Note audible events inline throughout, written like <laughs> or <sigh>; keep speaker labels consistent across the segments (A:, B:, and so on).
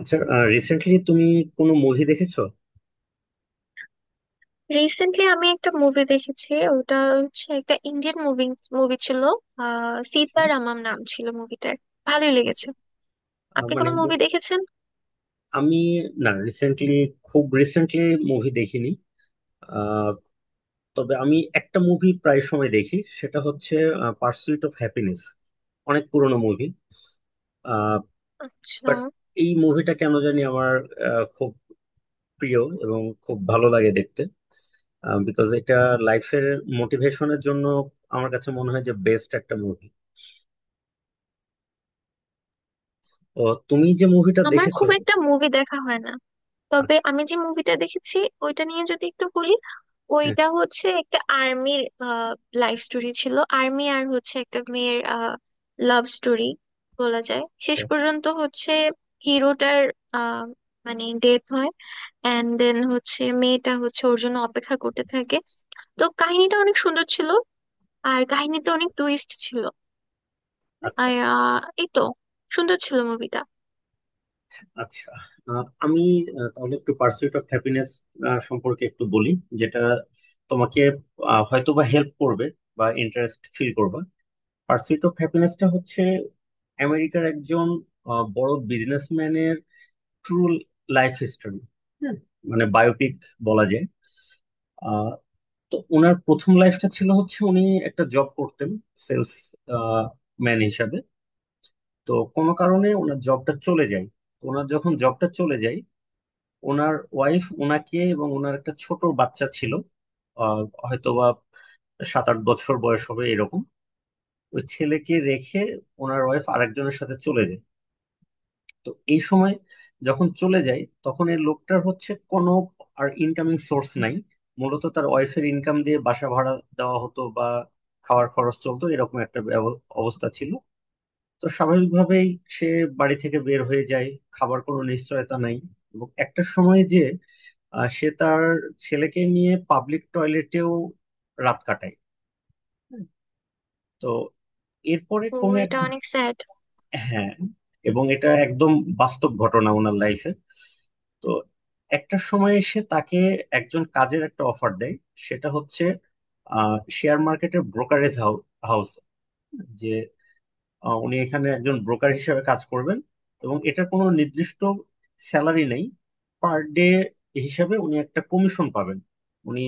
A: আচ্ছা, রিসেন্টলি তুমি কোনো মুভি দেখেছো?
B: রিসেন্টলি আমি একটা মুভি দেখেছি। ওটা হচ্ছে একটা ইন্ডিয়ান মুভি। মুভি ছিল আহ সীতারামম নাম ছিল মুভিটার। ভালোই লেগেছে।
A: আহ,
B: আপনি
A: মানে
B: কোনো মুভি
A: মু-
B: দেখেছেন?
A: আমি না রিসেন্টলি, খুব রিসেন্টলি মুভি দেখিনি। আহ, তবে আমি একটা মুভি প্রায় সময় দেখি, সেটা হচ্ছে পার্সুইট অফ হ্যাপিনেস। অনেক পুরনো মুভি,
B: আচ্ছা,
A: বাট এই মুভিটা কেন জানি আমার খুব প্রিয় এবং খুব ভালো লাগে দেখতে। বিকজ এটা লাইফের মোটিভেশনের জন্য আমার কাছে মনে হয় যে বেস্ট একটা মুভি। ও, তুমি যে মুভিটা
B: আমার
A: দেখেছো।
B: খুব একটা মুভি দেখা হয় না, তবে
A: আচ্ছা।
B: আমি যে মুভিটা দেখেছি ওইটা নিয়ে যদি একটু বলি।
A: হ্যাঁ।
B: ওইটা হচ্ছে একটা আর্মির লাইফ স্টোরি ছিল, আর্মি আর হচ্ছে একটা মেয়ের লাভ স্টোরি বলা যায়। শেষ
A: আচ্ছা।
B: পর্যন্ত হচ্ছে হিরোটার আহ, মানে ডেথ হয়, অ্যান্ড দেন হচ্ছে মেয়েটা হচ্ছে ওর জন্য অপেক্ষা করতে থাকে। তো কাহিনীটা অনেক সুন্দর ছিল, আর কাহিনীতে অনেক টুইস্ট ছিল।
A: আচ্ছা,
B: আর এই তো, সুন্দর ছিল মুভিটা।
A: আচ্ছা। আমি, তাহলে একটু পার্সুইট অফ হ্যাপিনেস সম্পর্কে একটু বলি, যেটা তোমাকে হয়তো বা হেল্প করবে বা ইন্টারেস্ট ফিল করবে। পার্সুইট অফ হ্যাপিনেসটা হচ্ছে আমেরিকার একজন বড় বিজনেসম্যানের ট্রু লাইফ হিস্টোরি। হ্যাঁ, মানে বায়োপিক বলা যায়। আহ, তো ওনার প্রথম লাইফটা ছিল হচ্ছে উনি একটা জব করতেন, সেলস ম্যান হিসাবে। তো কোনো কারণে ওনার জবটা চলে যায়। তো ওনার যখন জবটা চলে যায়, ওনার ওয়াইফ ওনাকে এবং ওনার একটা ছোট বাচ্চা ছিল, আহ, হয়তোবা 7-8 বছর বয়স হবে এরকম, ওই ছেলেকে রেখে ওনার ওয়াইফ আরেকজনের সাথে চলে যায়। তো এই সময় যখন চলে যায়, তখন এই লোকটার হচ্ছে কোনো আর ইনকামিং সোর্স নাই। মূলত তার ওয়াইফের ইনকাম দিয়ে বাসা ভাড়া দেওয়া হতো বা খাওয়ার খরচ চলতো, এরকম একটা অবস্থা ছিল। তো স্বাভাবিকভাবেই সে বাড়ি থেকে বের হয়ে যায়, খাবার কোনো নিশ্চয়তা নাই। এবং একটা সময় যে সে তার ছেলেকে নিয়ে পাবলিক টয়লেটেও রাত কাটায়। হুম। তো এরপরে
B: তো
A: কোন এক,
B: এটা অনেক স্যাড।
A: হ্যাঁ, এবং এটা একদম বাস্তব ঘটনা ওনার লাইফে। তো একটা সময় এসে তাকে একজন কাজের একটা অফার দেয়, সেটা হচ্ছে শেয়ার মার্কেটের ব্রোকারেজ হাউস, যে উনি এখানে একজন ব্রোকার হিসেবে কাজ করবেন। এবং এটা কোনো নির্দিষ্ট স্যালারি নেই, পার ডে হিসাবে উনি একটা কমিশন পাবেন। উনি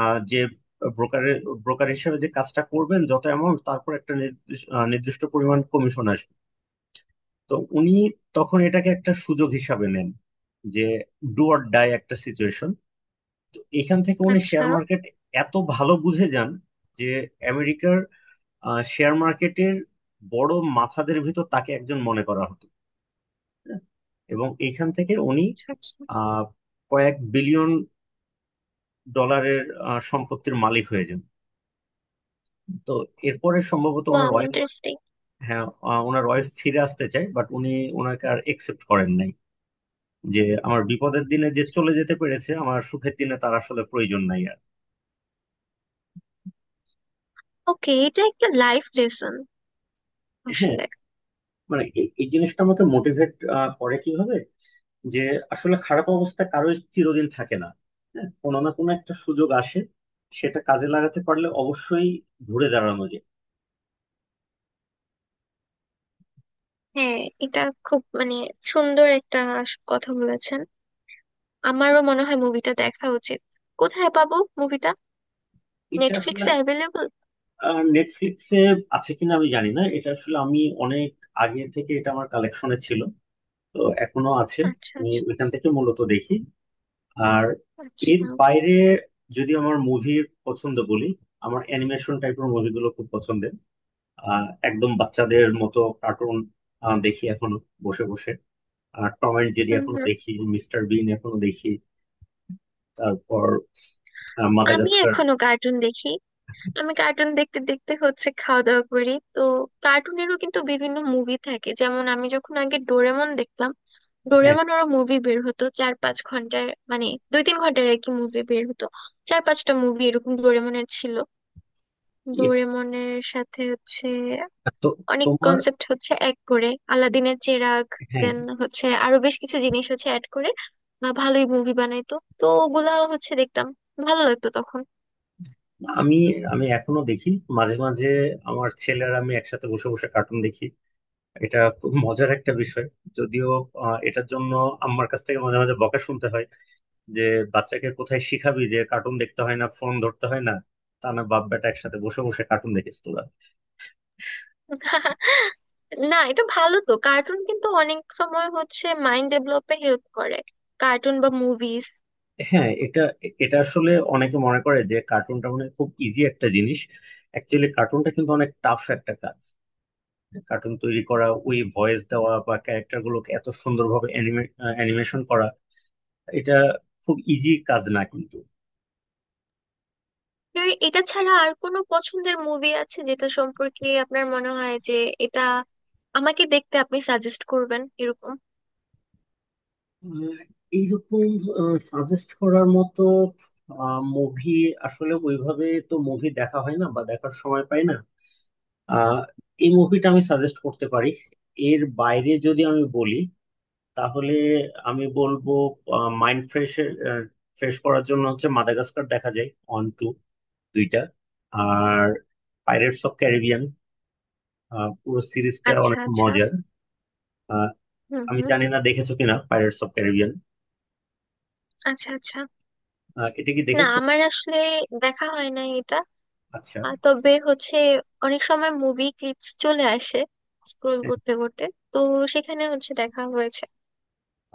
A: আহ, যে ব্রোকারের ব্রোকার হিসেবে যে কাজটা করবেন, যত অ্যামাউন্ট, তারপর একটা নির্দিষ্ট নির্দিষ্ট পরিমাণ কমিশন আসবে। তো উনি তখন এটাকে একটা সুযোগ হিসাবে নেন, যে ডু অর ডাই একটা সিচুয়েশন। তো এখান থেকে উনি
B: আচ্ছা
A: শেয়ার মার্কেট এত ভালো বুঝে যান, যে আমেরিকার শেয়ার মার্কেটের বড় মাথাদের ভিতর তাকে একজন মনে করা হতো। হ্যাঁ, এবং এইখান থেকে উনি
B: আচ্ছা। আচ্ছা।
A: আহ, কয়েক বিলিয়ন ডলারের সম্পত্তির মালিক হয়ে যান। তো এরপরে সম্ভবত ওনার
B: ওয়াও,
A: ওয়াইফ,
B: ইন্টারেস্টিং।
A: হ্যাঁ, ওনার ওয়াইফ ফিরে আসতে চায়, বাট উনি ওনাকে আর একসেপ্ট করেন নাই, যে আমার বিপদের দিনে যে চলে যেতে পেরেছে, আমার সুখের দিনে তার আসলে প্রয়োজন নাই আর।
B: ওকে, এটা একটা লাইফ লেসন
A: হ্যাঁ,
B: আসলে।
A: মানে এই এই জিনিসটা আমাকে মোটিভেট করে, কিভাবে যে আসলে খারাপ অবস্থা কারোর চিরদিন থাকে না। হ্যাঁ, কোনো না কোনো একটা সুযোগ আসে, সেটা কাজে লাগাতে পারলে অবশ্যই ঘুরে দাঁড়ানো যায়।
B: হ্যাঁ, এটা খুব মানে সুন্দর একটা কথা বলেছেন। আমারও মনে হয় মুভিটা দেখা উচিত। কোথায় পাবো মুভিটা?
A: এটা আসলে
B: নেটফ্লিক্সে অ্যাভেলেবল?
A: নেটফ্লিক্সে আছে কিনা আমি জানি না, এটা আসলে আমি অনেক আগে থেকে এটা আমার কালেকশনে ছিল, তো এখনো আছে।
B: আচ্ছা
A: আমি
B: আচ্ছা।
A: ওইখান থেকে মূলত দেখি। আর
B: আচ্ছা।
A: এর বাইরে যদি আমার মুভির পছন্দ বলি, আমার অ্যানিমেশন টাইপের মুভিগুলো খুব পছন্দের। একদম বাচ্চাদের মতো কার্টুন দেখি এখনো, বসে বসে। আর টম অ্যান্ড জেরি
B: হুম
A: এখনো
B: হুম।
A: দেখি, মিস্টার বিন এখনো দেখি। তারপর
B: আমি
A: মাদাগাস্কার।
B: এখনো কার্টুন দেখি। আমি কার্টুন দেখতে দেখতে হচ্ছে খাওয়া দাওয়া করি, তো কার্টুনেরও কিন্তু বিভিন্ন মুভি থাকে। যেমন আমি যখন আগে ডোরেমন দেখতাম,
A: হ্যাঁ।
B: ডোরেমন ওর মুভি বের হতো চার পাঁচ ঘন্টার, মানে দুই তিন ঘন্টার আর কি মুভি বের হতো। চার পাঁচটা মুভি এরকম ডোরেমনের ছিল।
A: এ-
B: ডোরেমনের সাথে হচ্ছে
A: তো
B: অনেক
A: তোমার,
B: কনসেপ্ট হচ্ছে এক করে, আলাদিনের চেরাগ,
A: হ্যাঁ।
B: দেন হচ্ছে আরো বেশ কিছু জিনিস হচ্ছে অ্যাড করে, বা ভালোই মুভি বানাইতো। তো ওগুলা হচ্ছে দেখতাম, ভালো লাগতো তখন।
A: আমি আমি এখনো দেখি মাঝে মাঝে। আমার ছেলে আর আমি একসাথে বসে বসে কার্টুন দেখি, এটা খুব মজার একটা বিষয়। যদিও এটার জন্য আমার কাছ থেকে মাঝে মাঝে বকা শুনতে হয়, যে বাচ্চাকে কোথায় শিখাবি যে কার্টুন দেখতে হয় না, ফোন ধরতে হয় না, তা না, বাপ বেটা একসাথে বসে বসে কার্টুন দেখিস তোরা।
B: <laughs> না, এটা ভালো তো। কার্টুন কিন্তু অনেক সময় হচ্ছে মাইন্ড ডেভেলপে হেল্প করে, কার্টুন বা মুভিজ।
A: হ্যাঁ, এটা এটা আসলে অনেকে মনে করে যে কার্টুনটা মানে খুব ইজি একটা জিনিস। অ্যাকচুয়ালি কার্টুনটা কিন্তু অনেক টাফ একটা কাজ। কার্টুন তৈরি করা, ওই ভয়েস দেওয়া বা ক্যারেক্টার গুলোকে এত সুন্দরভাবে অ্যানিমেশন করা, এটা খুব ইজি কাজ না কিন্তু।
B: আপনার এটা ছাড়া আর কোনো পছন্দের মুভি আছে যেটা সম্পর্কে আপনার মনে হয় যে এটা আমাকে দেখতে আপনি সাজেস্ট করবেন এরকম?
A: আহ, এইরকম সাজেস্ট করার মতো মুভি আসলে ওইভাবে তো মুভি দেখা হয় না বা দেখার সময় পাই না। আহ, এই মুভিটা আমি সাজেস্ট করতে পারি। এর বাইরে যদি আমি বলি, তাহলে আমি বলবো মাইন্ড ফ্রেশ, ফ্রেশ করার জন্য হচ্ছে মাদাগাস্কার দেখা যায়, অন টু, দুইটা। আর পাইরেটস অফ ক্যারিবিয়ান, পুরো সিরিজটা
B: আচ্ছা
A: অনেক
B: আচ্ছা।
A: মজার। আহ,
B: হুম
A: আমি
B: হুম।
A: জানি না দেখেছো কিনা পাইরেটস অফ ক্যারিবিয়ান,
B: আচ্ছা আচ্ছা।
A: এটা কি
B: না,
A: দেখেছো?
B: আমার আসলে দেখা হয় না এটা।
A: আচ্ছা।
B: তবে হচ্ছে অনেক সময় মুভি ক্লিপস চলে আসে স্ক্রোল
A: হ্যাঁ,
B: করতে করতে, তো সেখানে হচ্ছে দেখা হয়েছে।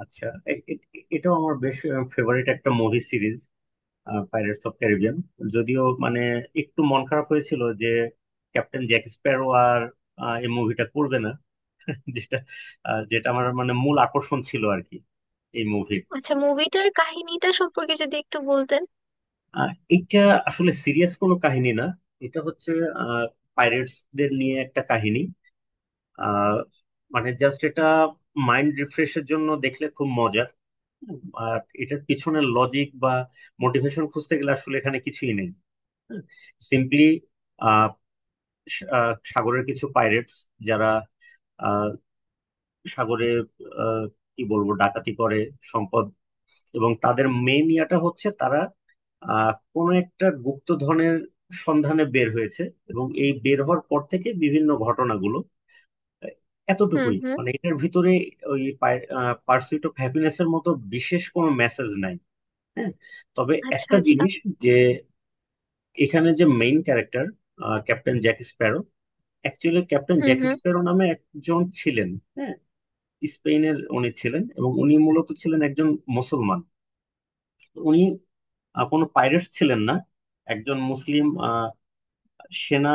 A: আচ্ছা। এটাও আমার বেশ ফেভারিট একটা movie series, pirates of Caribbean. যদিও মানে একটু মন খারাপ হয়েছিল যে ক্যাপ্টেন জ্যাক স্প্যারো আর এই মুভিটা করবে না, যেটা যেটা আমার মানে মূল আকর্ষণ ছিল আর কি এই মুভির।
B: আচ্ছা, মুভিটার কাহিনীটা সম্পর্কে যদি একটু বলতেন?
A: আর এটা আসলে সিরিয়াস কোনো কাহিনী না। এটা হচ্ছে পাইরেটস দের নিয়ে একটা কাহিনী। আহ, মানে জাস্ট এটা মাইন্ড রিফ্রেশের জন্য দেখলে খুব মজার। আর এটার পিছনে লজিক বা মোটিভেশন খুঁজতে গেলে আসলে এখানে কিছুই নেই। সিম্পলি সাগরের কিছু পাইরেটস, যারা আহ, সাগরে আহ, কি বলবো, ডাকাতি করে সম্পদ। এবং তাদের মেইন ইয়াটা হচ্ছে তারা কোনো একটা গুপ্ত ধনের সন্ধানে বের হয়েছে, এবং এই বের হওয়ার পর থেকে বিভিন্ন ঘটনাগুলো আহ,
B: হুম
A: এতটুকুই,
B: হুম।
A: মানে এটার ভিতরে ওই পার্সুইট অফ হ্যাপিনেস এর মতো বিশেষ কোনো মেসেজ নাই। হ্যাঁ, তবে
B: আচ্ছা
A: একটা
B: আচ্ছা।
A: জিনিস, যে এখানে যে main character captain Jack Sparrow, actually captain
B: hmm
A: Jack
B: hmm.
A: Sparrow নামে একজন ছিলেন। হ্যাঁ, স্পেনের উনি ছিলেন এবং উনি মূলত ছিলেন একজন মুসলমান। উনি কোনো পাইরেট ছিলেন না, একজন মুসলিম সেনা,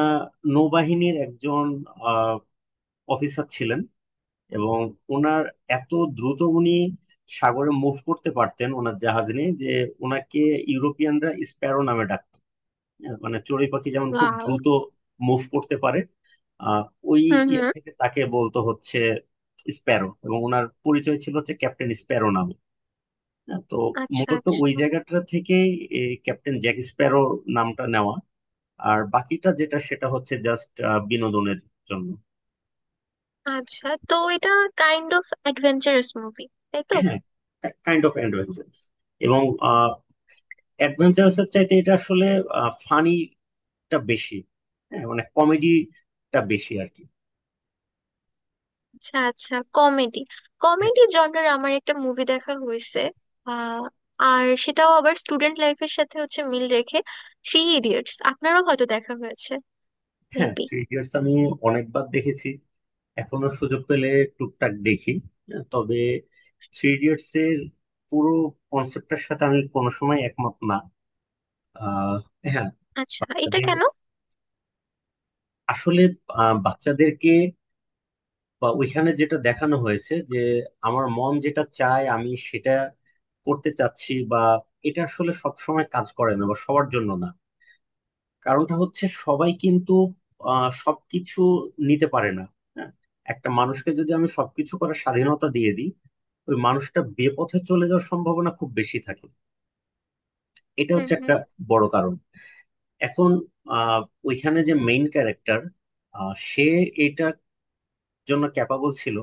A: নৌবাহিনীর একজন আহ, অফিসার ছিলেন। এবং ওনার এত দ্রুত উনি সাগরে মুভ করতে পারতেন ওনার জাহাজ নিয়ে, যে ওনাকে ইউরোপিয়ানরা স্প্যারো নামে ডাকতো। মানে চড়ুই পাখি যেমন খুব
B: ওয়াও।
A: দ্রুত মুভ করতে পারে, আহ ওই
B: হুম
A: ইয়ে
B: হুম।
A: থেকে তাকে বলতো হচ্ছে স্প্যারো, এবং ওনার পরিচয় ছিল হচ্ছে ক্যাপ্টেন স্প্যারো নামে। হ্যাঁ, তো
B: আচ্ছা
A: মূলত ওই
B: আচ্ছা।
A: জায়গাটা থেকেই এই ক্যাপ্টেন জ্যাক স্প্যারো নামটা নেওয়া। আর বাকিটা যেটা, সেটা হচ্ছে জাস্ট বিনোদনের জন্য।
B: আচ্ছা, তো এটা কাইন্ড অফ অ্যাডভেঞ্চারাস মুভি, তাই তো?
A: <coughs> কাইন্ড অফ অ্যাডভেঞ্চারাস, এবং অ্যাডভেঞ্চারাসের চাইতে এটা আসলে ফানিটা বেশি। হ্যাঁ, মানে কমেডিটা বেশি আর কি।
B: আচ্ছা আচ্ছা, কমেডি।
A: হ্যাঁ,
B: কমেডি জনরার আমার একটা মুভি দেখা হয়েছে। আহ আর সেটাও আবার স্টুডেন্ট লাইফের সাথে হচ্ছে মিল রেখে। থ্রি ইডিয়টস, আপনারও হয়তো দেখা হয়েছে
A: হ্যাঁ,
B: মেবি।
A: থ্রি ইডিয়টস আমি অনেকবার দেখেছি। এখনো সুযোগ পেলে টুকটাক দেখি। হ্যাঁ, তবে থ্রি ইডিয়টস এর পুরো কনসেপ্টের সাথে আমি কোনো সময় একমত না। আহ, হ্যাঁ,
B: আচ্ছা, এটা
A: বাচ্চাদের
B: কেন?
A: আসলে, বাচ্চাদেরকে বা ওইখানে যেটা দেখানো হয়েছে যে আমার মন যেটা চায় আমি সেটা করতে চাচ্ছি বা, এটা আসলে সব সময় কাজ করে না বা সবার জন্য না। কারণটা হচ্ছে সবাই কিন্তু সবকিছু নিতে পারে না। হ্যাঁ, একটা মানুষকে যদি আমি সবকিছু করার স্বাধীনতা দিয়ে দিই, ওই মানুষটা বেপথে চলে যাওয়ার সম্ভাবনা খুব বেশি থাকে। এটা
B: হুম
A: হচ্ছে
B: হুম।
A: একটা বড় কারণ। এখন আহ ওইখানে যে মেইন ক্যারেক্টার, সে এটা জন্য ক্যাপাবল ছিল,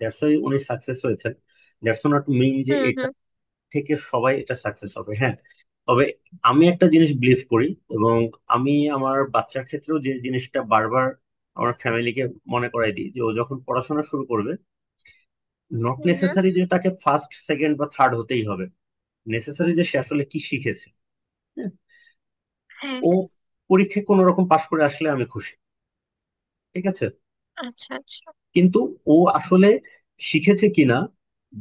A: দ্যাটস ওয়াই উনি সাকসেস হয়েছেন। দ্যাটস নট মিন যে
B: হুম
A: এটা
B: হুম।
A: থেকে সবাই এটা সাকসেস হবে। হ্যাঁ, তবে আমি একটা জিনিস বিলিভ করি, এবং আমি আমার বাচ্চার ক্ষেত্রেও যে জিনিসটা বারবার আমার ফ্যামিলিকে মনে করাই দিই, যে ও যখন পড়াশোনা শুরু করবে, নট
B: হুম হুম।
A: নেসেসারি যে তাকে ফার্স্ট সেকেন্ড বা থার্ড হতেই হবে। নেসেসারি যে সে আসলে কি শিখেছে। হ্যাঁ,
B: হ্যাঁ
A: ও
B: হ্যাঁ।
A: পরীক্ষায় কোনো রকম পাশ করে আসলে আমি খুশি, ঠিক আছে।
B: আচ্ছা আচ্ছা।
A: কিন্তু ও আসলে শিখেছে কিনা,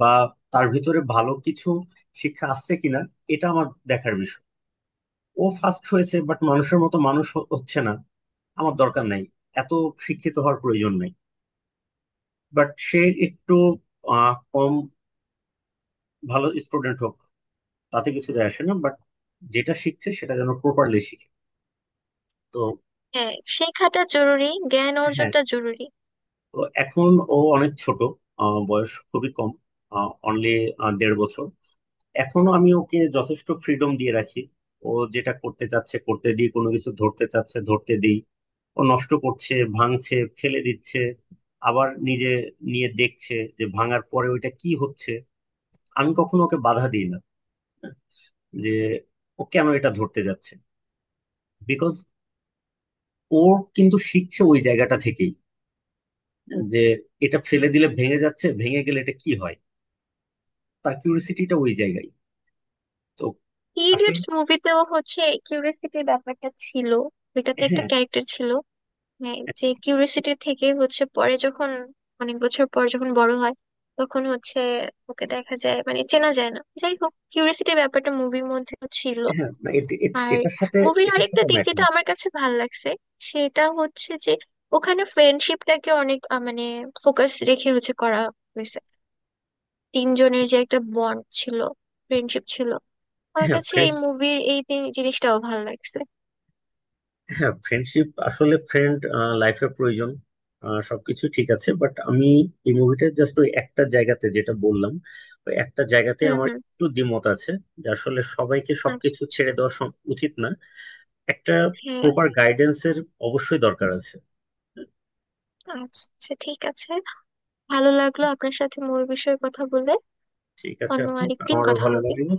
A: বা তার ভিতরে ভালো কিছু শিক্ষা আসছে কিনা, এটা আমার দেখার বিষয়। ও ফার্স্ট হয়েছে বাট মানুষের মতো মানুষ হচ্ছে না, আমার দরকার নাই। এত শিক্ষিত হওয়ার প্রয়োজন নাই, বাট সে একটু কম ভালো স্টুডেন্ট হোক, তাতে কিছু যায় আসে না, বাট যেটা শিখছে সেটা যেন প্রপারলি শিখে। তো
B: হ্যাঁ, শেখাটা জরুরি, জ্ঞান
A: হ্যাঁ,
B: অর্জনটা জরুরি।
A: তো এখন ও অনেক ছোট, বয়স খুবই কম, অনলি 1.5 বছর। এখনো আমি ওকে যথেষ্ট ফ্রিডম দিয়ে রাখি। ও যেটা করতে চাচ্ছে করতে দিই, কোনো কিছু ধরতে চাচ্ছে ধরতে দিই। ও নষ্ট করছে, ভাঙছে, ফেলে দিচ্ছে, আবার নিজে নিয়ে দেখছে যে ভাঙার পরে ওইটা কি হচ্ছে। আমি কখনো ওকে বাধা দিই না যে ও কেন এটা ধরতে যাচ্ছে, বিকজ ও কিন্তু শিখছে ওই জায়গাটা থেকেই। হ্যাঁ, যে এটা ফেলে দিলে ভেঙে যাচ্ছে, ভেঙে গেলে এটা কি হয়, তার কিউরিসিটিটা ওই জায়গায়। তো আসলে,
B: ইডিয়টস মুভিতেও হচ্ছে কিউরিয়াসিটির ব্যাপারটা ছিল, এটাতে একটা
A: হ্যাঁ,
B: ক্যারেক্টার ছিল। হ্যাঁ, যে
A: হ্যাঁ,
B: কিউরিয়াসিটি থেকে হচ্ছে পরে যখন অনেক বছর পর যখন বড় হয়, তখন হচ্ছে ওকে দেখা যায়, মানে চেনা যায় না। যাই হোক, কিউরিয়াসিটির ব্যাপারটা মুভির মধ্যে ছিল।
A: হ্যাঁ, না,
B: আর
A: এটার সাথে,
B: মুভির
A: এটার
B: আরেকটা
A: সাথে আমি
B: দিক যেটা
A: একমত।
B: আমার কাছে ভালো লাগছে, সেটা হচ্ছে যে ওখানে ফ্রেন্ডশিপটাকে অনেক মানে ফোকাস রেখে হচ্ছে করা হয়েছে। তিনজনের যে একটা বন্ড ছিল, ফ্রেন্ডশিপ ছিল। আমার
A: হ্যাঁ
B: কাছে এই
A: ফ্রেন্ড,
B: মুভির এই তিন- জিনিসটাও ভালো লাগছে।
A: হ্যাঁ ফ্রেন্ডশিপ, আসলে ফ্রেন্ড লাইফে প্রয়োজন। সবকিছু ঠিক আছে, বাট আমি এই মুভিটা জাস্ট ওই একটা জায়গাতে যেটা বললাম, ওই একটা জায়গাতে
B: হুম
A: আমার
B: হুম।
A: একটু দ্বিমত আছে, যে আসলে সবাইকে
B: আচ্ছা
A: সবকিছু
B: আচ্ছা।
A: ছেড়ে দেওয়া উচিত না। একটা
B: হ্যাঁ।
A: প্রপার গাইডেন্সের অবশ্যই দরকার আছে।
B: আচ্ছা আচ্ছা, ঠিক আছে। ভালো লাগলো আপনার সাথে মুভির বিষয়ে কথা বলে।
A: ঠিক আছে
B: অন্য
A: আপু,
B: আরেকদিন
A: আমারও
B: কথা
A: ভালো
B: হবে।
A: লাগলো।